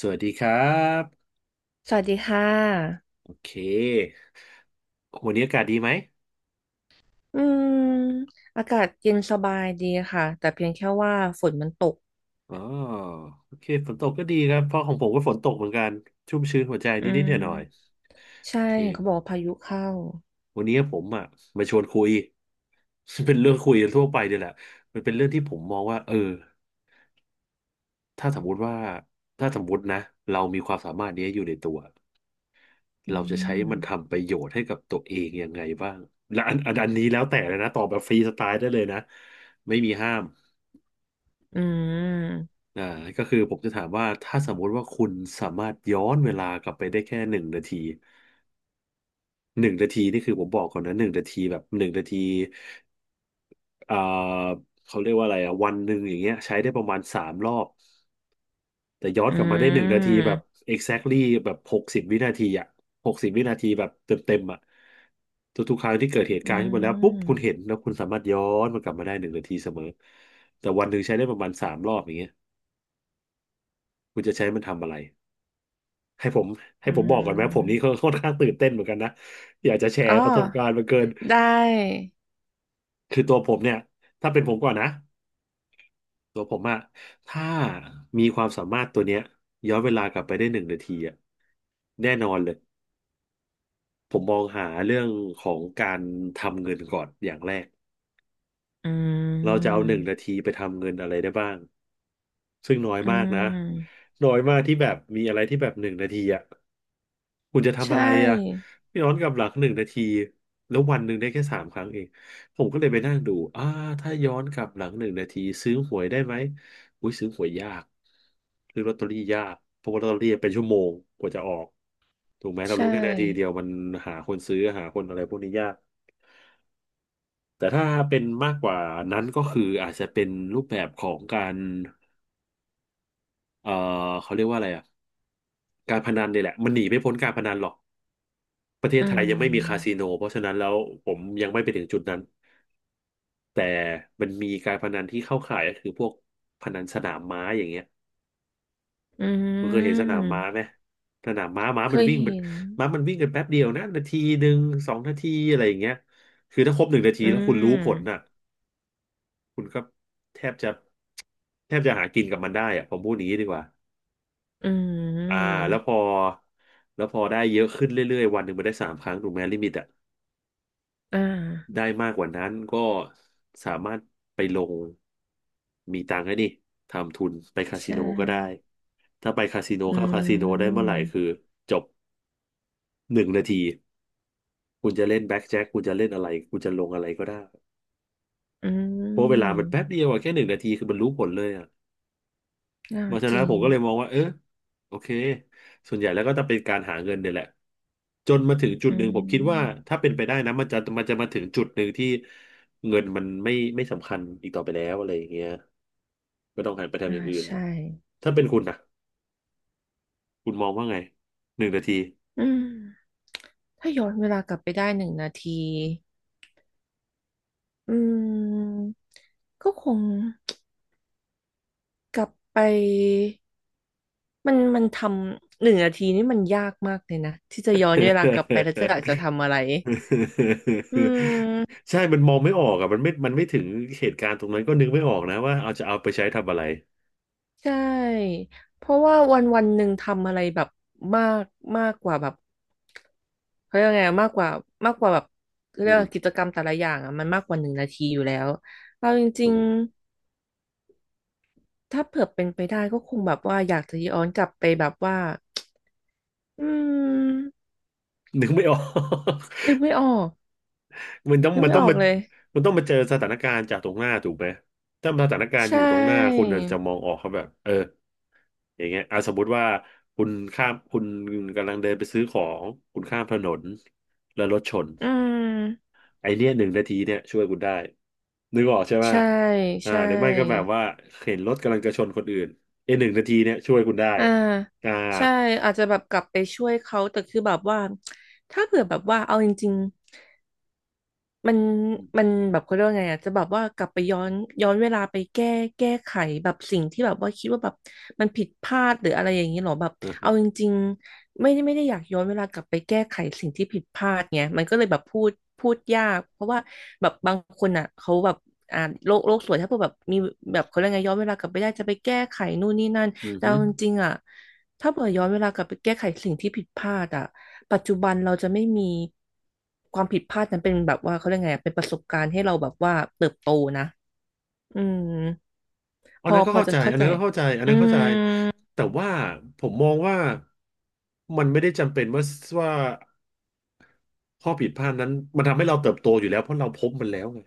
สวัสดีครับสวัสดีค่ะโอเควันนี้อากาศดีไหมอืมอากาศเย็นสบายดีค่ะ แต่เพียงแค่ว่าฝนมันตก อ๋อโอเคฝนตกก็ดีครับเพราะของผมก็ฝนตกเหมือนกันชุ่มชื้นหัวใจอืนิดๆมหน่อยๆโอใช่เคเห็นเขาบอกว่าพายุเข้า วันนี้ผมอ่ะมาชวนคุย เป็นเรื่องคุยทั่วไปเนี่ยแหละมันเป็นเรื่องที่ผมมองว่าถ้าสมมุติว่าถ้าสมมุตินะเรามีความสามารถนี้อยู่ในตัวอืเราจะใช้ม มันทำประโยชน์ให้กับตัวเองยังไงบ้างและอันนี้แล้วแต่เลยนะตอบแบบฟรีสไตล์ได้เลยนะไม่มีห้าม อืม อ่าก็คือผมจะถามว่าถ้าสมมุติว่าคุณสามารถย้อนเวลากลับไปได้แค่หนึ่งนาทีหนึ่งนาทีนี่คือผมบอกก่อนนะหนึ่งนาทีแบบหนึ่งนาทีอ่าเขาเรียกว่าอะไรอ่ะวันหนึ่งอย่างเงี้ยใช้ได้ประมาณสามรอบแต่ย้อนอืกลับมาได้หนึ่งนาทีแบบ ม exactly แบบ60 วินาทีอ่ะหกสิบวินาทีแบบเต็มเต็มอ่ะทุกๆครั้งที่เกิดเหตุอืการณ์ขึ้นมาแล้วปุ๊บคุณม เห็นแล้วคุณสามารถย้อนมันกลับมาได้หนึ่งนาทีเสมอแต่วันหนึ่งใช้ได้ประมาณสามรอบอย่างเงี้ยคุณจะใช้มันทำอะไร ให้ผมให้อืผมบอกก่อนไหมผมนี่มค่อนข้างตื่นเต้นเหมือนกันนะอยากจะแชอ๋อร์ประสบการณ์มาเกินได้ คือตัวผมเนี่ยถ้าเป็นผมก่อนนะตัวผมอะถ้ามีความสามารถตัวเนี้ยย้อนเวลากลับไปได้หนึ่งนาทีอะแน่นอนเลยผมมองหาเรื่องของการทำเงินก่อนอย่างแรกอืเราจะเอาม หนึ่งนาทีไปทำเงินอะไรได้บ้าง ซึ่งน้อยอืมากนะม น้อยมากที่แบบมีอะไรที่แบบหนึ่งนาทีอ่ะ คุณจะใชทำอะไรอ่ะ่ ไม่ย้อนกลับหลังหนึ่งนาที แล้ววันหนึ่งได้แค่สามครั้งเองผมก็เลยไปนั่งดูอ่าถ้าย้อนกลับหลังหนึ่งนาทีซื้อหวยได้ไหมอุ้ยซื้อหวยยากซื้อลอตเตอรี่ยากเพราะว่าลอตเตอรี่เป็นชั่วโมงกว่าจะออกถูกไหมเราใช่ รู้แค่นาทีเดียวมันหาคนซื้อหาคนอะไรพวกนี้ยาก แต่ถ้าเป็นมากกว่านั้นก็คืออาจจะเป็นรูปแบบของการเอ่อเขาเรียกว่าอะไรอ่ะ การพนันเนี่ยแหละมันหนีไม่พ้นการพนันหรอกประเทอืศไทยยังไม่มีคาสิม โนเพราะฉะนั้นแล้วผมยังไม่ไปถึงจุดนั้นแต่มันมีการพนันที่เข้าข่ายก็คือพวกพนันสนามม้าอย่างเงี้ยอืคุณเคยเห็นสนามม้าไหมม สนามม้าม้าเคมันยวิ่งมันเห็นม้ามันวิ่งกันแป๊บเดียวนะนาทีหนึ่งสองนาทีอะไรอย่างเงี้ยคือถ้าครบหนึ่งนาทีอืแล้วคุณรู้ผลน่ะม คุณก็แทบจะแทบจะหากินกับมันได้อะผมพูดอย่างนี้ดีกว่าอือ่าแล้วมพอแล้วพอได้เยอะขึ้นเรื่อยๆวันหนึ่งมันได้สามครั้งถูกไหมลิมิตอะ อ่า ได้มากกว่านั้นก็สามารถไปลงมีตังค์ให้นี่ทำทุนไปคาใชสิโนก็ได้่ ถ้าไปคาสิโนอืเข้าคาสิโนได้เมื่อไหร่คือมจบหนึ่งนาทีคุณจะเล่นแบ็ k แจ็คคุณจะเล่นอะไรคุณจะลงอะไรก็ได้อืเพราะเวลามันแป๊บมเดียวอะแค่หนึ่งนาทีคือมันรู้ผลเลยอะ น่าเพราะฉะจนั้นริผง มก็เลยมองว่าเออโอเคส่วนใหญ่แล้วก็จะเป็นการหาเงินเนี่ยแหละจนมาถึงจุดอืหนึ่งผมคิดว่ามถ้าเป็นไปได้นะมันจะมาถึงจุดหนึ่งที่เงินมันไม่สำคัญอีกต่อไปแล้วอะไรอย่างเงี้ยก็ต้องหันไปทำออ่าย่างอื่นใช่ ถ้าเป็นคุณนะคุณมองว่าไงหนึ่งนาที อืมถ้าย้อนเวลากลับไปได้หนึ่งนาที อืม ก็คง กลับไปมันมันทำหนึ่งนาทีนี่มันยากมากเลยนะที่จะย้อนเวลากลับไปแล้วจะอยากจะทำอะไรอืม ใช่มันมองไม่ออกอ่ะมันไม่ถึงเหตุการณ์ตรงนั้นก็นึกไม่ออกนะว่าเอาไปใช้ทำอะไรใช่เพราะว่าวันวันหนึ่งทำอะไรแบบมากมากกว่าแบบเขาเรียกว่าไงมากกว่ามากกว่าแบบเขาอืเรียกมว่ากิจกรรมแต่ละอย่างอ่ะมันมากกว่าหนึ่งนาทีอยู่แล้วเอาจอืริงมๆถ้าเผื่อเป็นไปได้ก็คงแบบว่าอยากจะย้อนกลับไปแบบว่าอืมนึกไม่ออก นึกไม่ออกมันต้องนึกมันไม่ต้อองอกมาเลยมันต้องมาเจอสถานการณ์จากตรงหน้าถูกไหมถ้าสถานการใชณ์อยู่ตรงหน้าคุณ่อาจจะมองออกครับแบบเอออย่างเงี้ยอ่ะสมมุติว่าคุณข้ามคุณกำลังเดินไปซื้อของคุณข้ามถนนแล้วรถชนอืมไอเนี้ยหนึ่งนาทีเนี่ยช่วยคุณได้นึกออกใช่ไหมใช่อ่าใช่ หรือไม่ก็แบบว่าเห็นรถกำลังจะชนคนอื่นไอหนึ่งนาทีเนี่ยช่วยคุณได้อ่าอ่าใช่อาจจะแบบกลับไปช่วยเขาแต่คือแบบว่าถ้าเผื่อแบบว่าเอาจริง มันมันแบบเขาเรียกว่าไงอ่ะจะแบบว่ากลับไปย้อนย้อนเวลาไปแก้แก้ไขแบบสิ่งที่แบบว่าคิดว่าแบบมันผิดพลาดหรืออะไรอย่างนี้หรอแบบอือฮึเอาจริงๆไม่ได้ไม่ได้อยากย้อนเวลากลับไปแก้ไขสิ่งที่ผิดพลาดไงมันก็เลยแบบพูดยากเพราะว่าแบบบางคนอ่ะเขาแบบอ่าโลกโลกสวยถ้าเผื่อแบบมีแบบเขาเรียกไงย้อนเวลากลับไปได้จะไปแก้ไขนู่นนี่นั่นอือแต่ฮึ เอาจริงๆอ่ะถ้าเผื่อย้อนเวลากลับไปแก้ไขสิ่งที่ผิดพลาดอ่ะ ปัจจุบันเราจะไม่มีความผิดพลาดนั้นเป็นแบบว่าเขาเรียกไงอะเป็นประสบการณ์ให้เราแบบว่าเติบโตนะอืมอัพนอนั้นก็พอเข้าจะใจ เข้าอันใจนั้นก็เข้าใจอันอืนั้นเข้าใจ มแต่ว่าผมมองว่ามันไม่ได้จำเป็นว่าข้อผิดพลาดนั้นมันทำให้เราเติบโตอยู่แล้วเพราะเราพบมันแล้วไง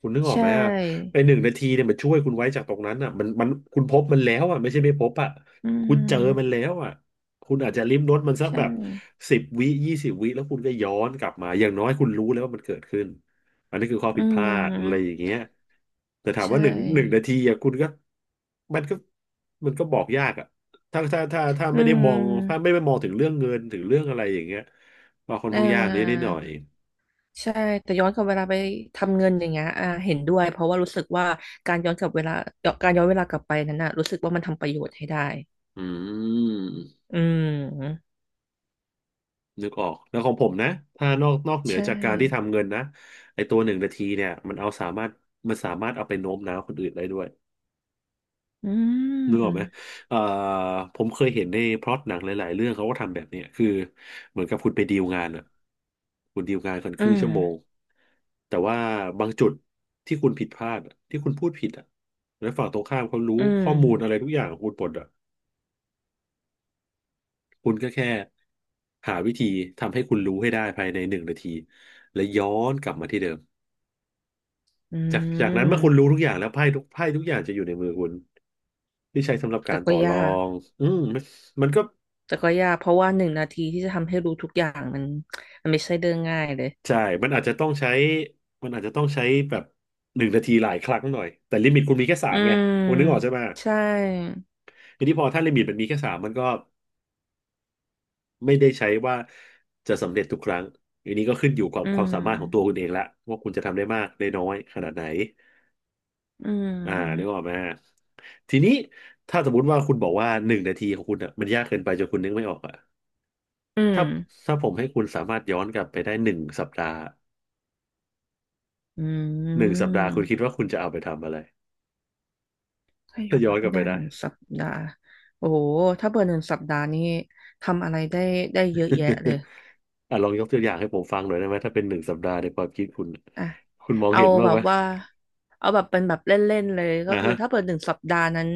คุณนึกออใชกไหมอ่ะ่ไอหนึ่งนาทีเนี่ยมันช่วยคุณไว้จากตรงนั้นอ่ะมันคุณพบมันแล้วอ่ะไม่ใช่ไม่พบอ่ะอืคุณเจอมันแล้มวอ่ะคุณอาจจะลิ้มรสมันสักใช่แบบสิบวิ20 วิแล้วคุณก็ย้อนกลับมาอย่างน้อยคุณรู้แล้วว่ามันเกิดขึ้นอันนี้คือข้ออืผิดพลาดอะไรอย่ามงเงี้ยแต่ถามใชว่าหนึ่งนา่ทีอ่ะคุณก็มันก็มันก็บอกยากอ่ะถ้าอืไม่ได้มองถ้าไม่มได้มองถึงเรื่องเงินถึงเรื่องอะไรอย่างเงี้ยก็ค่อนอ่ข้างยากนิดหาน่อยใช่แต่ย้อนกลับเวลาไปทำเงินอย่างเงี้ยเห็นด้วยเพราะว่ารู้สึกว่าการย้อนกลับเวลาการย้อนเวลากลับไปนั้นน่ะรู้สึกว่ามันทำประโยชน์ให้ได้อืม อืมนึกออก แล้วของผมนะถ้านอกเหนืใชอจากการที่่ทำเงินนะไอตัวหนึ่งนาทีเนี่ยมันเอาสามารถมันสามารถเอาไปโน้มน้าวคนอื่นได้ด้วย อืนึกออกไหมม เอ่อผมเคยเห็นในพล็อตหนังหลายๆเรื่องเขาก็ทำแบบเนี้ยคือเหมือนกับคุณไปดีลงานอะคุณดีลงานกันคอืรึ่งมชั่วโมง แต่ว่าบางจุดที่คุณผิดพลาดอะที่คุณพูดผิดอะแล้วฝั่งตรงข้ามเขารู้อืมข้อมูลอะไรทุกอย่างของคุณหมดอะ คุณก็แค่หาวิธีทำให้คุณรู้ให้ได้ภายในหนึ่งนาทีและย้อนกลับมาที่เดิมอืจากนั้นเมื่อคุณรู้มทุกอย่างแล้วไพ่ทุกไพ่ทุกอย่างจะอยู่ในมือคุณที่ใช้สำหรับแต่การก็ต่อรยาอกงอืมมันก็แต่ก็ยาก เพราะว่าหนึ่งนาทีที่จะทำให้รู้ทุกอย่างมันมันไม่ใช่เรื่องง่ายเลยใช่มันอาจจะต้องใช้มันอาจจะต้องใช้แบบหนึ่งนาทีหลายครั้งหน่อยแต่ลิมิตคุณมีแค่สาอืมไงมคุณนึกออกใช่ไหมใช่ทีนี้พอถ้าลิมิตมันมีแค่สามมันก็ไม่ได้ใช้ว่าจะสำเร็จทุกครั้งอันนี้ก็ขึ้นอยู่กับอืความมสามารถของตัวคุณเองละว่าคุณจะทำได้มากได้น้อยขนาดไหน อือ่านึกอมอกไหมทีนี้ถ้าสมมติว่าคุณบอกว่าหนึ่งนาทีของคุณอ่ะมันยากเกินไปจนคุณนึกไม่ออกอ่ะอืถ้ามถ้าผมให้คุณสามารถย้อนกลับไปได้หนึ่งสัปดาห์อืหนึ่งสัมปดาห์คุณคิดว่าคุณจะเอาไปทำอะไรถ้าย้ถ้าอย้อนนกไปลับไปได้หได้ นึ่งสัปดาห์โอ้โหถ้าเบอร์หนึ่งสัปดาห์นี้ทำอะไรได้ได้เยอะแยะเลย อ่ะลองยกตัวอย่างให้ผมฟังหน่อยได้ไหมถ้าเป็นหนึ่งสัปดาห์ในความคิดคุณอ่ะคุณมองเอาเห็นบ้างแบไหมบว่าเอาแบบเป็นแบบเล่นๆเลยก็อ่าคือฮะถ้าเปิดหนึ่งสัปดาห์นั้น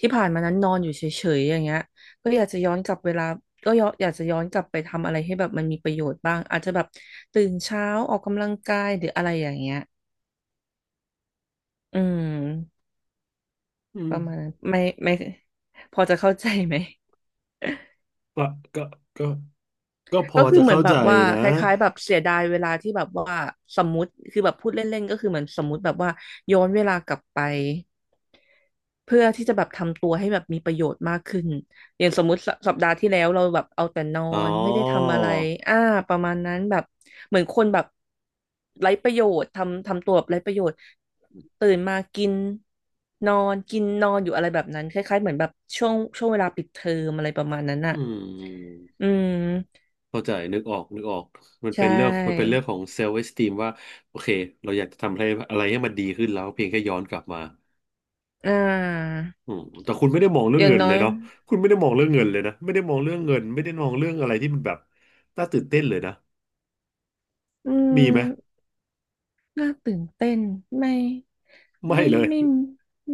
ที่ผ่านมานั้นนอนอยู่เฉยๆอย่างเงี้ยก็อยากจะย้อนกลับเวลาก็ย้อนอยากจะย้อนกลับไปทำอะไรให้แบบมันมีประโยชน์บ้างอาจจะแบบตื่นเช้าออกกำลังกายหรืออะไรอย่างเงี้ยอืมอืปมระมาณนั้นไม่ไม่พอจะเข้าใจไหม ก็ก็ก็ก็พอก็คือจะเหมือเข้านแบใจบว่านะคล้ายๆแบบเสียดายเวลาที่แบบว่าสมมติคือแบบพูดเล่นๆก็คือเหมือนสมมติแบบว่าย้อนเวลากลับไปเพื่อที่จะแบบทำตัวให้แบบมีประโยชน์มากขึ้นอย่างสมมุติสสัปดาห์ที่แล้วเราแบบเอาแต่นออ๋อนไม่ได้ทำอะไรอ่าประมาณนั้นแบบเหมือนคนแบบไร้ประโยชน์ทำทำตัวแบบไร้ประโยชน์ตื่นมากินนอนกินนอนอยู่อะไรแบบนั้นคล้ายๆเหมือนแบบช่วงช่วงเวลาปิดเทอมอะไรประมาณนั้นอือ่ะอืม มเข้าใจนึกออกนึกออกมันใชเป็นเรื่องมันเป็นเรื่่ องของเซลฟ์เอสติมว่าโอเคเราอยากจะทำอะไรอะไรให้มันดีขึ้นแล้วเพียงแค่ย้อนกลับมาอ่าอืมแต่คุณไม่ได้มองเรื่อองย่างเงินน้เลอยยเนาะคุณไม่ได้มองเรื่องเงินเลยนะไม่ได้มองเรื่องเงินไม่ได้มองเรื่องอะไรที่มันแบบน่าตื่นเต้นเลยนะอืมีไหมมน่าตื่นเต้นไม่ไม่ไม่เลย ไม่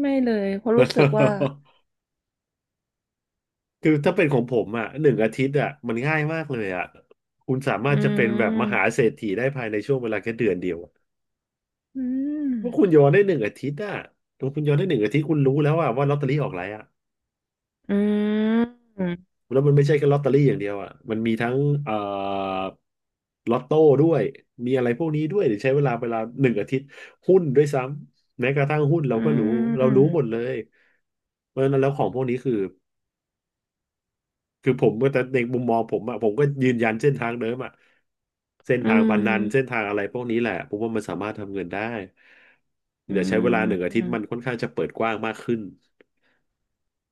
ไม่เลยเพราะรู้สึกว่า คือถ้าเป็นของผมอ่ะหนึ่งอาทิตย์อ่ะมันง่ายมากเลยอ่ะคุณสามาอืรถจะเป็นแบบมหามเศรษฐีได้ภายในช่วงเวลาแค่1 เดือนอะอืมว่าคุณย้อนได้หนึ่งอาทิตย์อ่ะถ้าคุณย้อนได้หนึ่งอาทิตย์คุณรู้แล้วอ่ะว่าลอตเตอรี่ออกอะไรอ่ะ อืมอืแล้วมันไม่ใช่แค่ลอตเตอรี่อย่างเดียวอ่ะมันมีทั้งเอ่อลอตโต้ด้วย มีอะไรพวกนี้ด้วยเดี๋ยวใช้เวลาหนึ่งอาทิตย์หุ้นด้วยซ้ำ แม้กระทั่งหุ้นเราก็รู้เรารู้มหมดเลยเพราะฉะนั้นแล้วของพวกนี้คือคือผมก็แต่ในมุมมองผมอ่ะผมก็ยืนยันเส้นทางเดิมอ่ะเส้นอืทางพนันเส้นมทางอะไรพวกนี้แหละผมว่ามันสามารถทำเงินได้อืเดี๋ยวใช้เวลาหนึ่งอาทิตย์มันมค่อนข้างจะเปิดกว้างมากขึ้น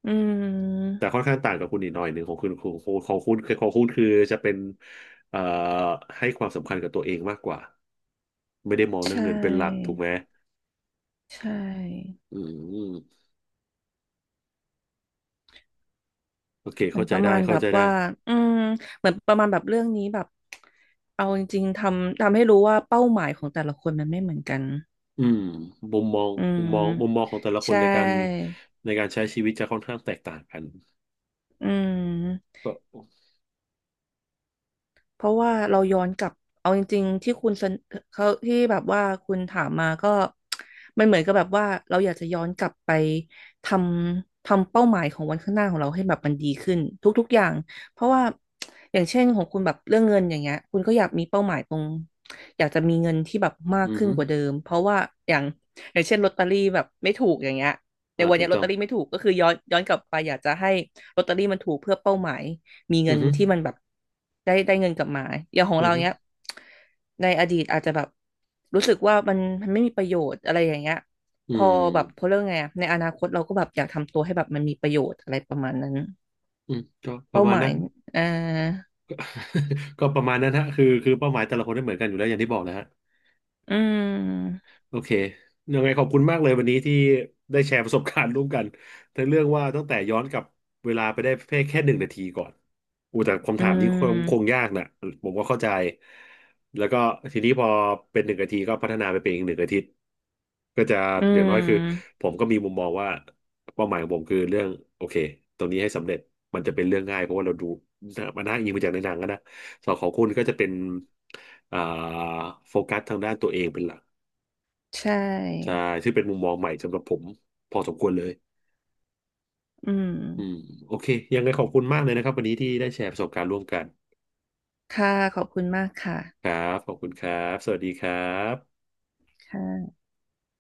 อืมแต่ค่อนข้างต่างกับคุณอีกหน่อยหนึ่งของคุณของคุณของคุณืของคุณคือจะเป็นเอ่อให้ความสำคัญกับตัวเองมากกว่าไม่ได้มองใชเรื่องเงินเป็นหลักถู่กไหมใช่อืมโอเคเหมือเข้านปใจระได้มาณแบเข้าบใจได้ว่าอืมเหมือนประมาณแบบเรื่องนี้แบบเอาจริงๆทำทำให้รู้ว่าเป้าหมายของแต่ละคนมันไม่เหมือนกันอืมมุมมองอืมุมมมองมุมมองของแต่ละคนใช่ ในการในการใช้ชีวิตจะค่อนข้างแตกต่างกันอืมก็เพราะว่าเราย้อนกลับเอาจริงๆที่คุณเสนเขาที่แบบว่าคุณถามมาก็มันเหมือนกับแบบว่าเราอยากจะย้อนกลับไปททำเป้าหมายของวันข้างหน้าของเราให้แบบมันดีขึ้นทุกๆอย่างเพราะว่าอย่างเช่นของคุณแบบเรื่องเงินอย่างเงี้ยคุณก็อยากมีเป้าหมายตรงอยากจะมีเงินที่แบบมากอือขึ้นฮึกว่าเดิมเพราะว่าอย่างอย่างเช่นลอตเตอรี่แบบไม่ถูกอย่างเงี้ยในอ่าวันถูเนี้กยลอต้ตอเตงอรี่ไม่ถูกก็คือย้อนย้อนกลับไปอยากจะให้ลอตเตอรี่มันถูกเพื่อเป้าหมาย มีอืเงิอนฮึที่มันแบบได้ได้เงินกลับมาอย่างของอือเราฮึเนี้ยในอดีตอาจจะแบบรู้สึกว่ามันมันไม่มีประโยชน์อะไรอย่างเงี้ยอืพอแบบพอมเรื่องไงอะในอนาคตเราก็แบบอยากทำตัวให้แบบมันมีประโยชน์อะไรประมาณนั้นอืมก็ประเป้ามาหณมานั้ยนอ่าก็ ก็ประมาณนั้นฮะคือคือเป้าหมายแต่ละคนไม่เหมือนกันอยู่แล้วอย่างที่บอกนะฮะ อืมโอเคยังไงขอบคุณมากเลยวันนี้ที่ได้แชร์ประสบการณ์ร่วมกันทั้งเรื่องว่าตั้งแต่ย้อนกลับเวลาไปได้เพียงแค่หนึ่งนาทีก่อนอูแต่คำอืถามนี้คงมยากนะผมก็เข้าใจแล้วก็ทีนี้พอเป็นหนึ่งนาทีก็พัฒนาไปเป็นอีกหนึ่งอาทิตย์ก็จะอือย่างน้อยคือมผมก็มีมุมมองว่าเป้าหมายของผมคือเรื่องโอเคตรงนี้ให้สำเร็จมันจะเป็นเรื่องง่ายเพราะว่าเราดูมันน่าอิงมาจากในหนังอะนะส่วนของคุณก็จะเป็นอ่าโฟกัสทางด้านตัวเองเป็นหลัก ใชใช่่ซึ่งเป็นมุมมองใหม่สำหรับผม พอสมควรเลยอืมอืมโอเค ยังไงขอบคุณมากเลยนะครับวันนี้ที่ได้แชร์ประสบการณ์ร่วมกัน ค่ะขอบคุณมากค่ะครับ ขอบคุณครับ สวัสดีครับค่ะ